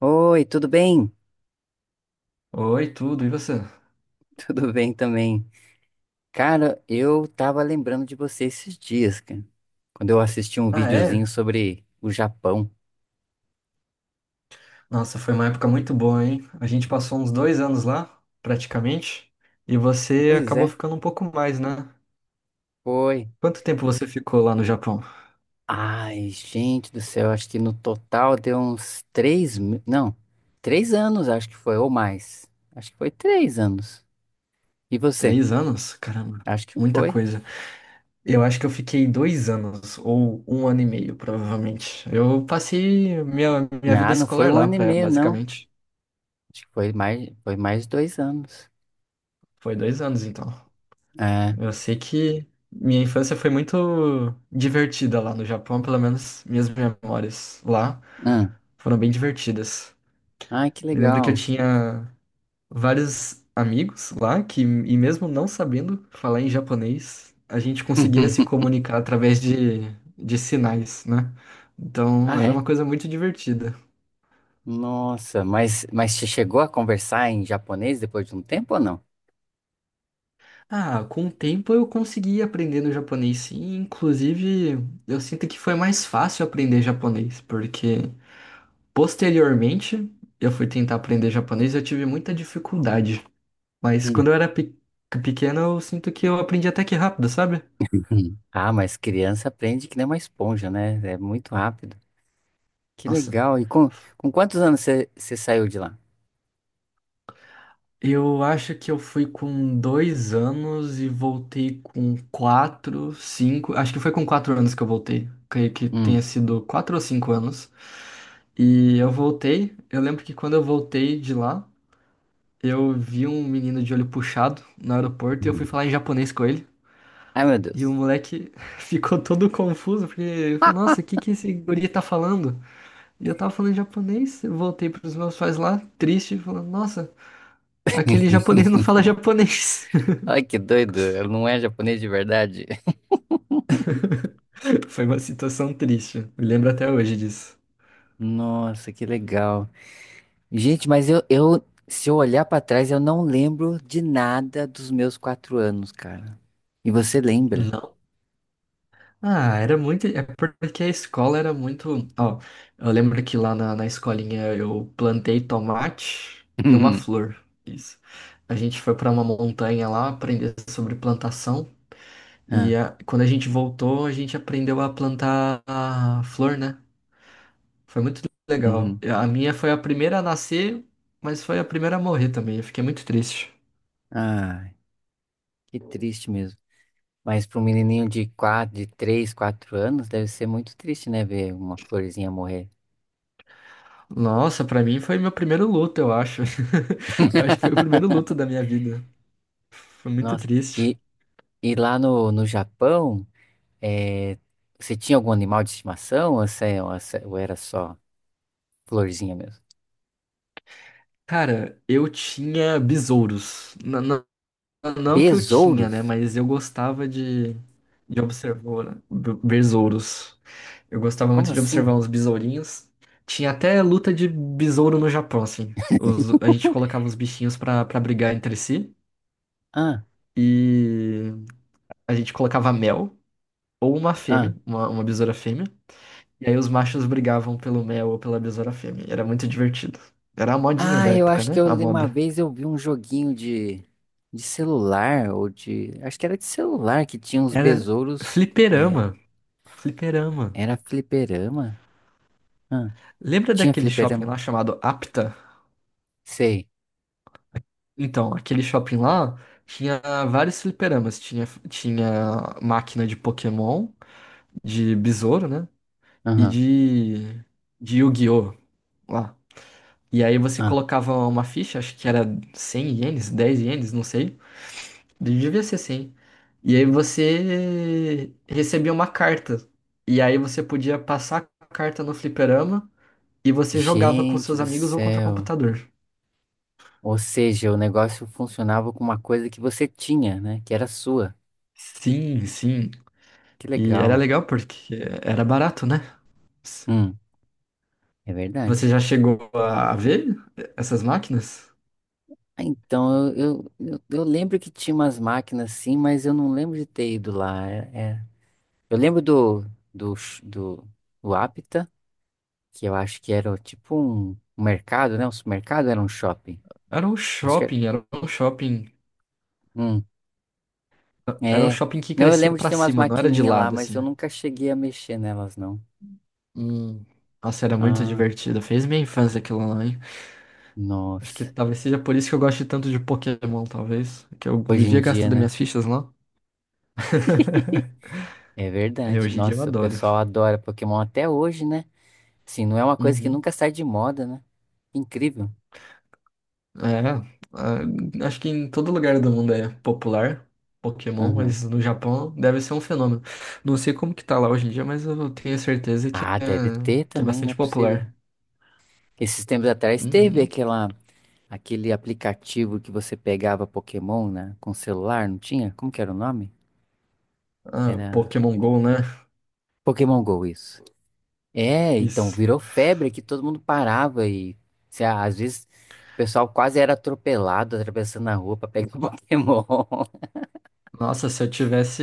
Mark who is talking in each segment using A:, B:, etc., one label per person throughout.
A: Oi, tudo bem?
B: Oi, tudo, e você?
A: Tudo bem também. Cara, eu tava lembrando de você esses dias, cara. Quando eu assisti um
B: Ah, é?
A: videozinho sobre o Japão.
B: Nossa, foi uma época muito boa, hein? A gente passou uns 2 anos lá, praticamente, e você
A: Pois
B: acabou
A: é,
B: ficando um pouco mais, né?
A: foi.
B: Quanto tempo você ficou lá no Japão?
A: Ai, gente do céu, acho que no total deu uns três, não, três anos, acho que foi, ou mais. Acho que foi três anos. E você?
B: 3 anos? Caramba,
A: Acho que
B: muita
A: foi.
B: coisa. Eu acho que eu fiquei 2 anos, ou um ano e meio, provavelmente. Eu passei minha vida
A: Não, não foi
B: escolar
A: um
B: lá,
A: ano e
B: pra,
A: meio, não.
B: basicamente.
A: Acho que foi mais dois anos.
B: Foi 2 anos, então.
A: É.
B: Eu sei que minha infância foi muito divertida lá no Japão, pelo menos minhas memórias lá.
A: Ah,
B: Foram bem divertidas.
A: ai, que
B: Me lembro que eu
A: legal.
B: tinha vários amigos lá que, e mesmo não sabendo falar em japonês, a gente conseguia se comunicar através de sinais, né? Então
A: Ah,
B: era
A: é?
B: uma coisa muito divertida.
A: Nossa, mas você chegou a conversar em japonês depois de um tempo ou não?
B: Ah, com o tempo eu consegui aprender no japonês, sim. Inclusive, eu sinto que foi mais fácil aprender japonês, porque posteriormente eu fui tentar aprender japonês e eu tive muita dificuldade. Mas
A: Hum,
B: quando eu era pequeno, eu sinto que eu aprendi até que rápido, sabe?
A: Ah, mas criança aprende que nem uma esponja, né? É muito rápido. Que
B: Nossa.
A: legal. Com quantos anos você saiu de lá?
B: Eu acho que eu fui com 2 anos e voltei com quatro, cinco. Acho que foi com 4 anos que eu voltei. Creio que
A: Hum,
B: tenha sido 4 ou 5 anos. E eu voltei. Eu lembro que quando eu voltei de lá, eu vi um menino de olho puxado no aeroporto e eu fui
A: hum.
B: falar em japonês com ele.
A: Ai, meu
B: E o
A: Deus.
B: moleque ficou todo confuso, porque, nossa, o que que esse guri tá falando? E eu tava falando japonês, eu voltei pros meus pais lá, triste, falando, nossa, aquele japonês não fala japonês.
A: Ai, que doido. Ele não é japonês de verdade.
B: Foi uma situação triste, me lembro até hoje disso.
A: Nossa, que legal. Gente, mas eu se eu olhar pra trás, eu não lembro de nada dos meus quatro anos, cara. E você lembra?
B: Não. Ah, era muito. É porque a escola era muito. Ó, eu lembro que lá na, na escolinha eu plantei tomate e uma flor. Isso. A gente foi pra uma montanha lá aprender sobre plantação. E
A: Ah,
B: quando a gente voltou, a gente aprendeu a plantar a flor, né? Foi muito legal.
A: uhum.
B: A minha foi a primeira a nascer, mas foi a primeira a morrer também. Eu fiquei muito triste.
A: Ai, que triste mesmo. Mas para um menininho de quatro, de 3, 4 anos, deve ser muito triste, né? Ver uma florzinha morrer.
B: Nossa, pra mim foi meu primeiro luto, eu acho. Eu acho que foi o primeiro luto da minha vida. Foi muito
A: Nossa,
B: triste.
A: e, e lá no, no Japão, eh, você tinha algum animal de estimação ou, você- ou você- ou era só florzinha mesmo?
B: Cara, eu tinha besouros. Não, que eu tinha, né?
A: Besouros?
B: Mas eu gostava de observar né? Besouros. Eu gostava muito
A: Como
B: de observar
A: assim?
B: uns besourinhos. Tinha até luta de besouro no Japão, assim. A gente colocava os bichinhos pra brigar entre si.
A: Ah,
B: E a gente colocava mel ou uma fêmea,
A: ah.
B: uma besoura fêmea. E aí os machos brigavam pelo mel ou pela besoura fêmea. Era muito divertido. Era a modinha
A: Ah,
B: da
A: eu
B: época,
A: acho que
B: né?
A: eu,
B: A
A: li- uma
B: moda.
A: vez eu vi um joguinho de celular, ou de. Acho que era de celular que tinha uns
B: Era
A: besouros. eh,
B: fliperama. Fliperama.
A: era fliperama? Ah,
B: Lembra
A: tinha
B: daquele shopping
A: fliperama?
B: lá chamado Apta?
A: Sei.
B: Então, aquele shopping lá tinha vários fliperamas. Tinha, tinha máquina de Pokémon, de besouro, né? E de Yu-Gi-Oh! Lá. E aí você
A: Ah,
B: colocava uma ficha, acho que era 100 ienes, 10 ienes, não sei. Devia ser 100. E aí você recebia uma carta. E aí você podia passar a carta no fliperama e você jogava com
A: gente
B: seus
A: do
B: amigos ou contra o
A: céu.
B: computador.
A: Ou seja, o negócio funcionava com uma coisa que você tinha, né? Que era sua.
B: Sim, sim.
A: Que
B: E
A: legal.
B: era legal porque era barato, né?
A: Hum, é
B: Você
A: verdade.
B: já chegou a ver essas máquinas?
A: Ah, então, eu lembro que tinha umas máquinas assim, mas eu não lembro de ter ido lá. É, é. Eu lembro do, do, ch- do, do Apta, que eu acho que era tipo um, um mercado, né? Um supermercado, era um shopping.
B: Era um
A: Acho que era.
B: shopping, era um shopping,
A: Hum,
B: era um
A: é.
B: shopping que
A: Não, eu
B: crescia
A: lembro de
B: pra
A: ter umas
B: cima, não era de
A: maquininhas lá,
B: lado
A: mas eu
B: assim.
A: nunca cheguei a mexer nelas, não.
B: Hum, Nossa, era muito
A: Ah.
B: divertido. Fez minha infância aquilo lá, hein? Acho que
A: Nossa,
B: talvez seja por isso que eu gosto tanto de Pokémon, talvez. Que eu
A: hoje em
B: vivia
A: dia,
B: gastando
A: né?
B: minhas fichas lá.
A: É
B: É,
A: verdade.
B: hoje em dia eu
A: Nossa, o
B: adoro.
A: pessoal adora Pokémon até hoje, né? Assim, não é uma coisa que
B: Uhum.
A: nunca sai de moda, né? Incrível.
B: É, ah, acho que em todo lugar do mundo é popular Pokémon,
A: Uhum.
B: mas no Japão deve ser um fenômeno. Não sei como que tá lá hoje em dia, mas eu tenho certeza
A: Ah, deve ter
B: que é
A: também, não é
B: bastante
A: possível.
B: popular.
A: Esses tempos atrás teve
B: Uhum.
A: aquela, aquele aplicativo que você pegava Pokémon, né? Com celular, não tinha? Como que era o nome?
B: Ah,
A: Era
B: Pokémon Go, né?
A: Pokémon Go, isso. É, então
B: Isso.
A: virou febre que todo mundo parava e se- às vezes o pessoal quase era atropelado atravessando a rua pra pegar o Pokémon.
B: Nossa, se eu tivesse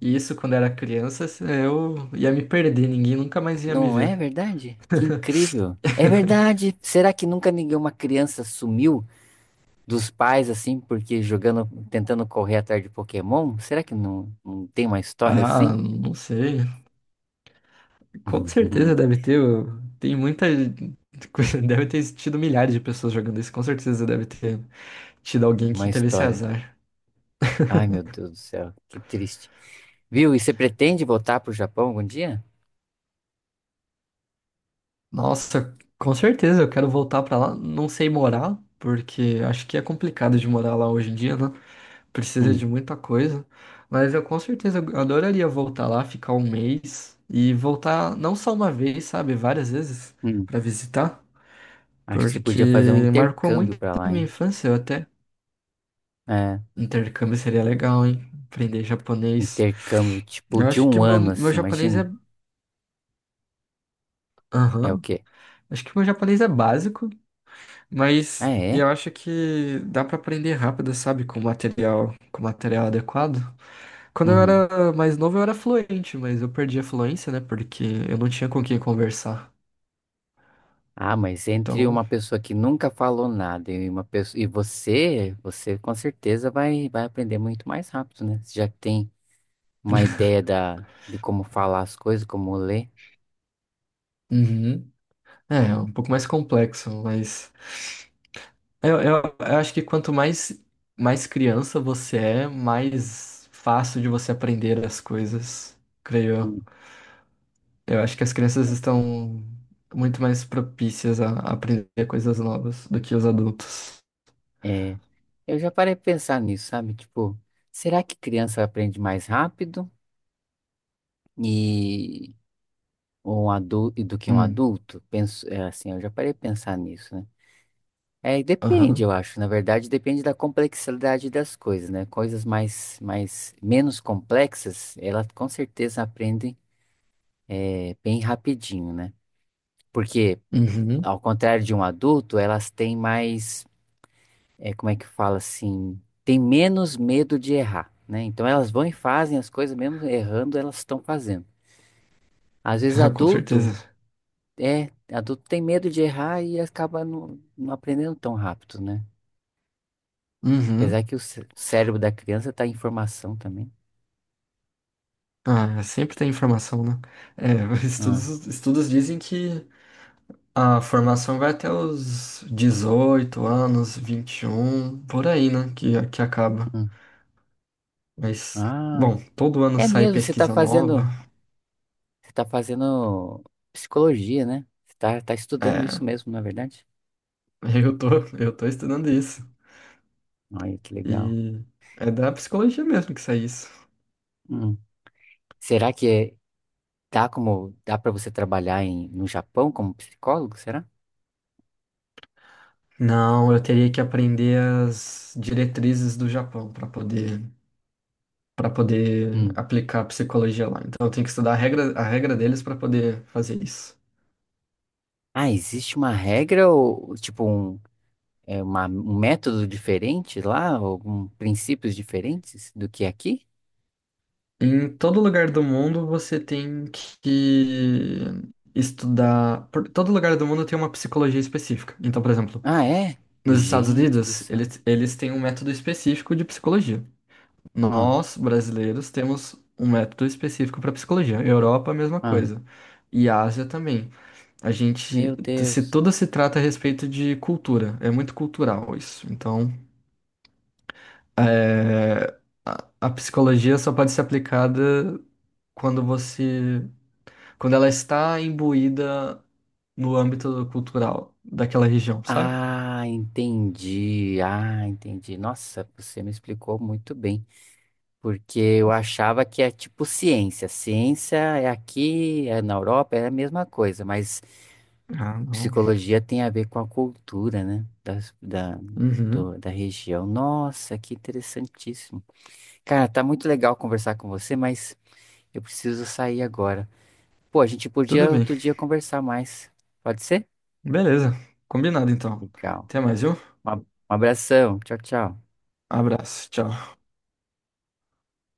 B: isso quando era criança, eu ia me perder, ninguém nunca mais ia me
A: Não é
B: ver.
A: verdade? Que incrível. É verdade. Será que nunca nenhuma criança sumiu dos pais assim porque jogando, tentando correr atrás de Pokémon? Será que não, não tem uma história
B: Ah,
A: assim?
B: não sei. Com certeza deve ter. Tem muita. Deve ter tido milhares de pessoas jogando isso. Com certeza deve ter tido alguém
A: Uma
B: que teve esse
A: história.
B: azar.
A: Ai, meu Deus do céu, que triste. Viu? E você pretende voltar pro Japão algum dia?
B: Nossa, com certeza eu quero voltar pra lá. Não sei morar, porque acho que é complicado de morar lá hoje em dia, né? Precisa de
A: Hum,
B: muita coisa, mas eu com certeza adoraria voltar lá, ficar um mês e voltar não só uma vez, sabe, várias vezes
A: hum.
B: para visitar,
A: Acho que você podia fazer um
B: porque marcou
A: intercâmbio
B: muito
A: pra
B: a
A: lá,
B: minha
A: hein?
B: infância, eu até
A: É,
B: intercâmbio seria legal, hein? Aprender japonês.
A: intercâmbio tipo
B: Eu
A: de
B: acho que
A: um
B: meu,
A: ano,
B: meu
A: assim,
B: japonês
A: imagina.
B: é,
A: É o
B: aham,
A: quê?
B: acho que meu japonês é básico,
A: Ah,
B: mas
A: é?
B: eu acho que dá para aprender rápido, sabe, com material adequado. Quando eu
A: Uhum.
B: era mais novo, eu era fluente, mas eu perdi a fluência, né? Porque eu não tinha com quem conversar.
A: Ah, mas entre
B: Então,
A: uma pessoa que nunca falou nada e uma pessoa e você, você com certeza vai aprender muito mais rápido, né? Você já tem uma ideia da de como falar as coisas, como ler.
B: uhum, é, um pouco mais complexo, mas eu acho que quanto mais, mais criança você é, mais fácil de você aprender as coisas, creio eu.
A: Hum.
B: Eu acho que as crianças estão muito mais propícias a aprender coisas novas do que os adultos.
A: É, eu já parei de pensar nisso, sabe? Tipo, será que criança aprende mais rápido? Ou um adulto e do que um
B: Hum,
A: adulto? Penso, é, assim, eu já parei de pensar nisso, né? É, e depende, eu
B: aham,
A: acho. Na verdade, depende da complexidade das coisas, né? Coisas mais, mais menos complexas, elas com certeza aprendem é, bem rapidinho, né? Porque,
B: uhum,
A: ao contrário de um adulto, elas têm mais, é, como é que fala assim, têm menos medo de errar, né? Então elas vão e fazem as coisas, mesmo errando, elas estão fazendo. Às vezes
B: com certeza.
A: adulto é, adulto tem medo de errar e acaba não, não aprendendo tão rápido, né?
B: Uhum.
A: Apesar que o cérebro da criança tá em formação também.
B: Ah, sempre tem informação, né? É,
A: Ah,
B: estudos dizem que a formação vai até os 18 anos, 21, por aí, né? Que acaba.
A: hum.
B: Mas,
A: Ah,
B: bom, todo ano
A: é
B: sai
A: mesmo,
B: pesquisa nova.
A: você tá fazendo psicologia, né? Você tá, tá estudando isso
B: É,
A: mesmo, na é verdade?
B: eu tô, eu tô estudando isso.
A: Olha que legal.
B: E é da psicologia mesmo que sai isso.
A: Hum. Será que é- Dá como, dá para você trabalhar em, no Japão como psicólogo, será?
B: Não, eu teria que aprender as diretrizes do Japão para poder
A: Hum.
B: aplicar a psicologia lá. Então eu tenho que estudar a regra deles para poder fazer isso.
A: Ah, existe uma regra ou tipo um é uma, um método diferente lá, algum princípios diferentes do que aqui?
B: Em todo lugar do mundo você tem que estudar. Por todo lugar do mundo tem uma psicologia específica. Então, por exemplo,
A: Ah, é?
B: nos Estados
A: Gente do
B: Unidos,
A: céu.
B: eles têm um método específico de psicologia.
A: Ah,
B: Nós, brasileiros, temos um método específico para psicologia. Europa, a mesma
A: ah,
B: coisa. E Ásia também. A
A: meu
B: gente. Se
A: Deus.
B: tudo se trata a respeito de cultura. É muito cultural isso. Então, é, a psicologia só pode ser aplicada quando você quando ela está imbuída no âmbito cultural daquela região, sabe?
A: Ah, entendi. Ah, entendi. Nossa, você me explicou muito bem, porque eu achava que é tipo ciência. Ciência é aqui, é na Europa, é a mesma coisa, mas
B: Ah, não.
A: psicologia tem a ver com a cultura, né? Das, da,
B: Uhum.
A: da região. Nossa, que interessantíssimo. Cara, tá muito legal conversar com você, mas eu preciso sair agora. Pô, a gente
B: Tudo
A: podia
B: bem.
A: outro dia conversar mais. Pode ser?
B: Beleza. Combinado então.
A: Legal.
B: Até mais, viu?
A: Um ab- um abração. Tchau, tchau.
B: Abraço. Tchau.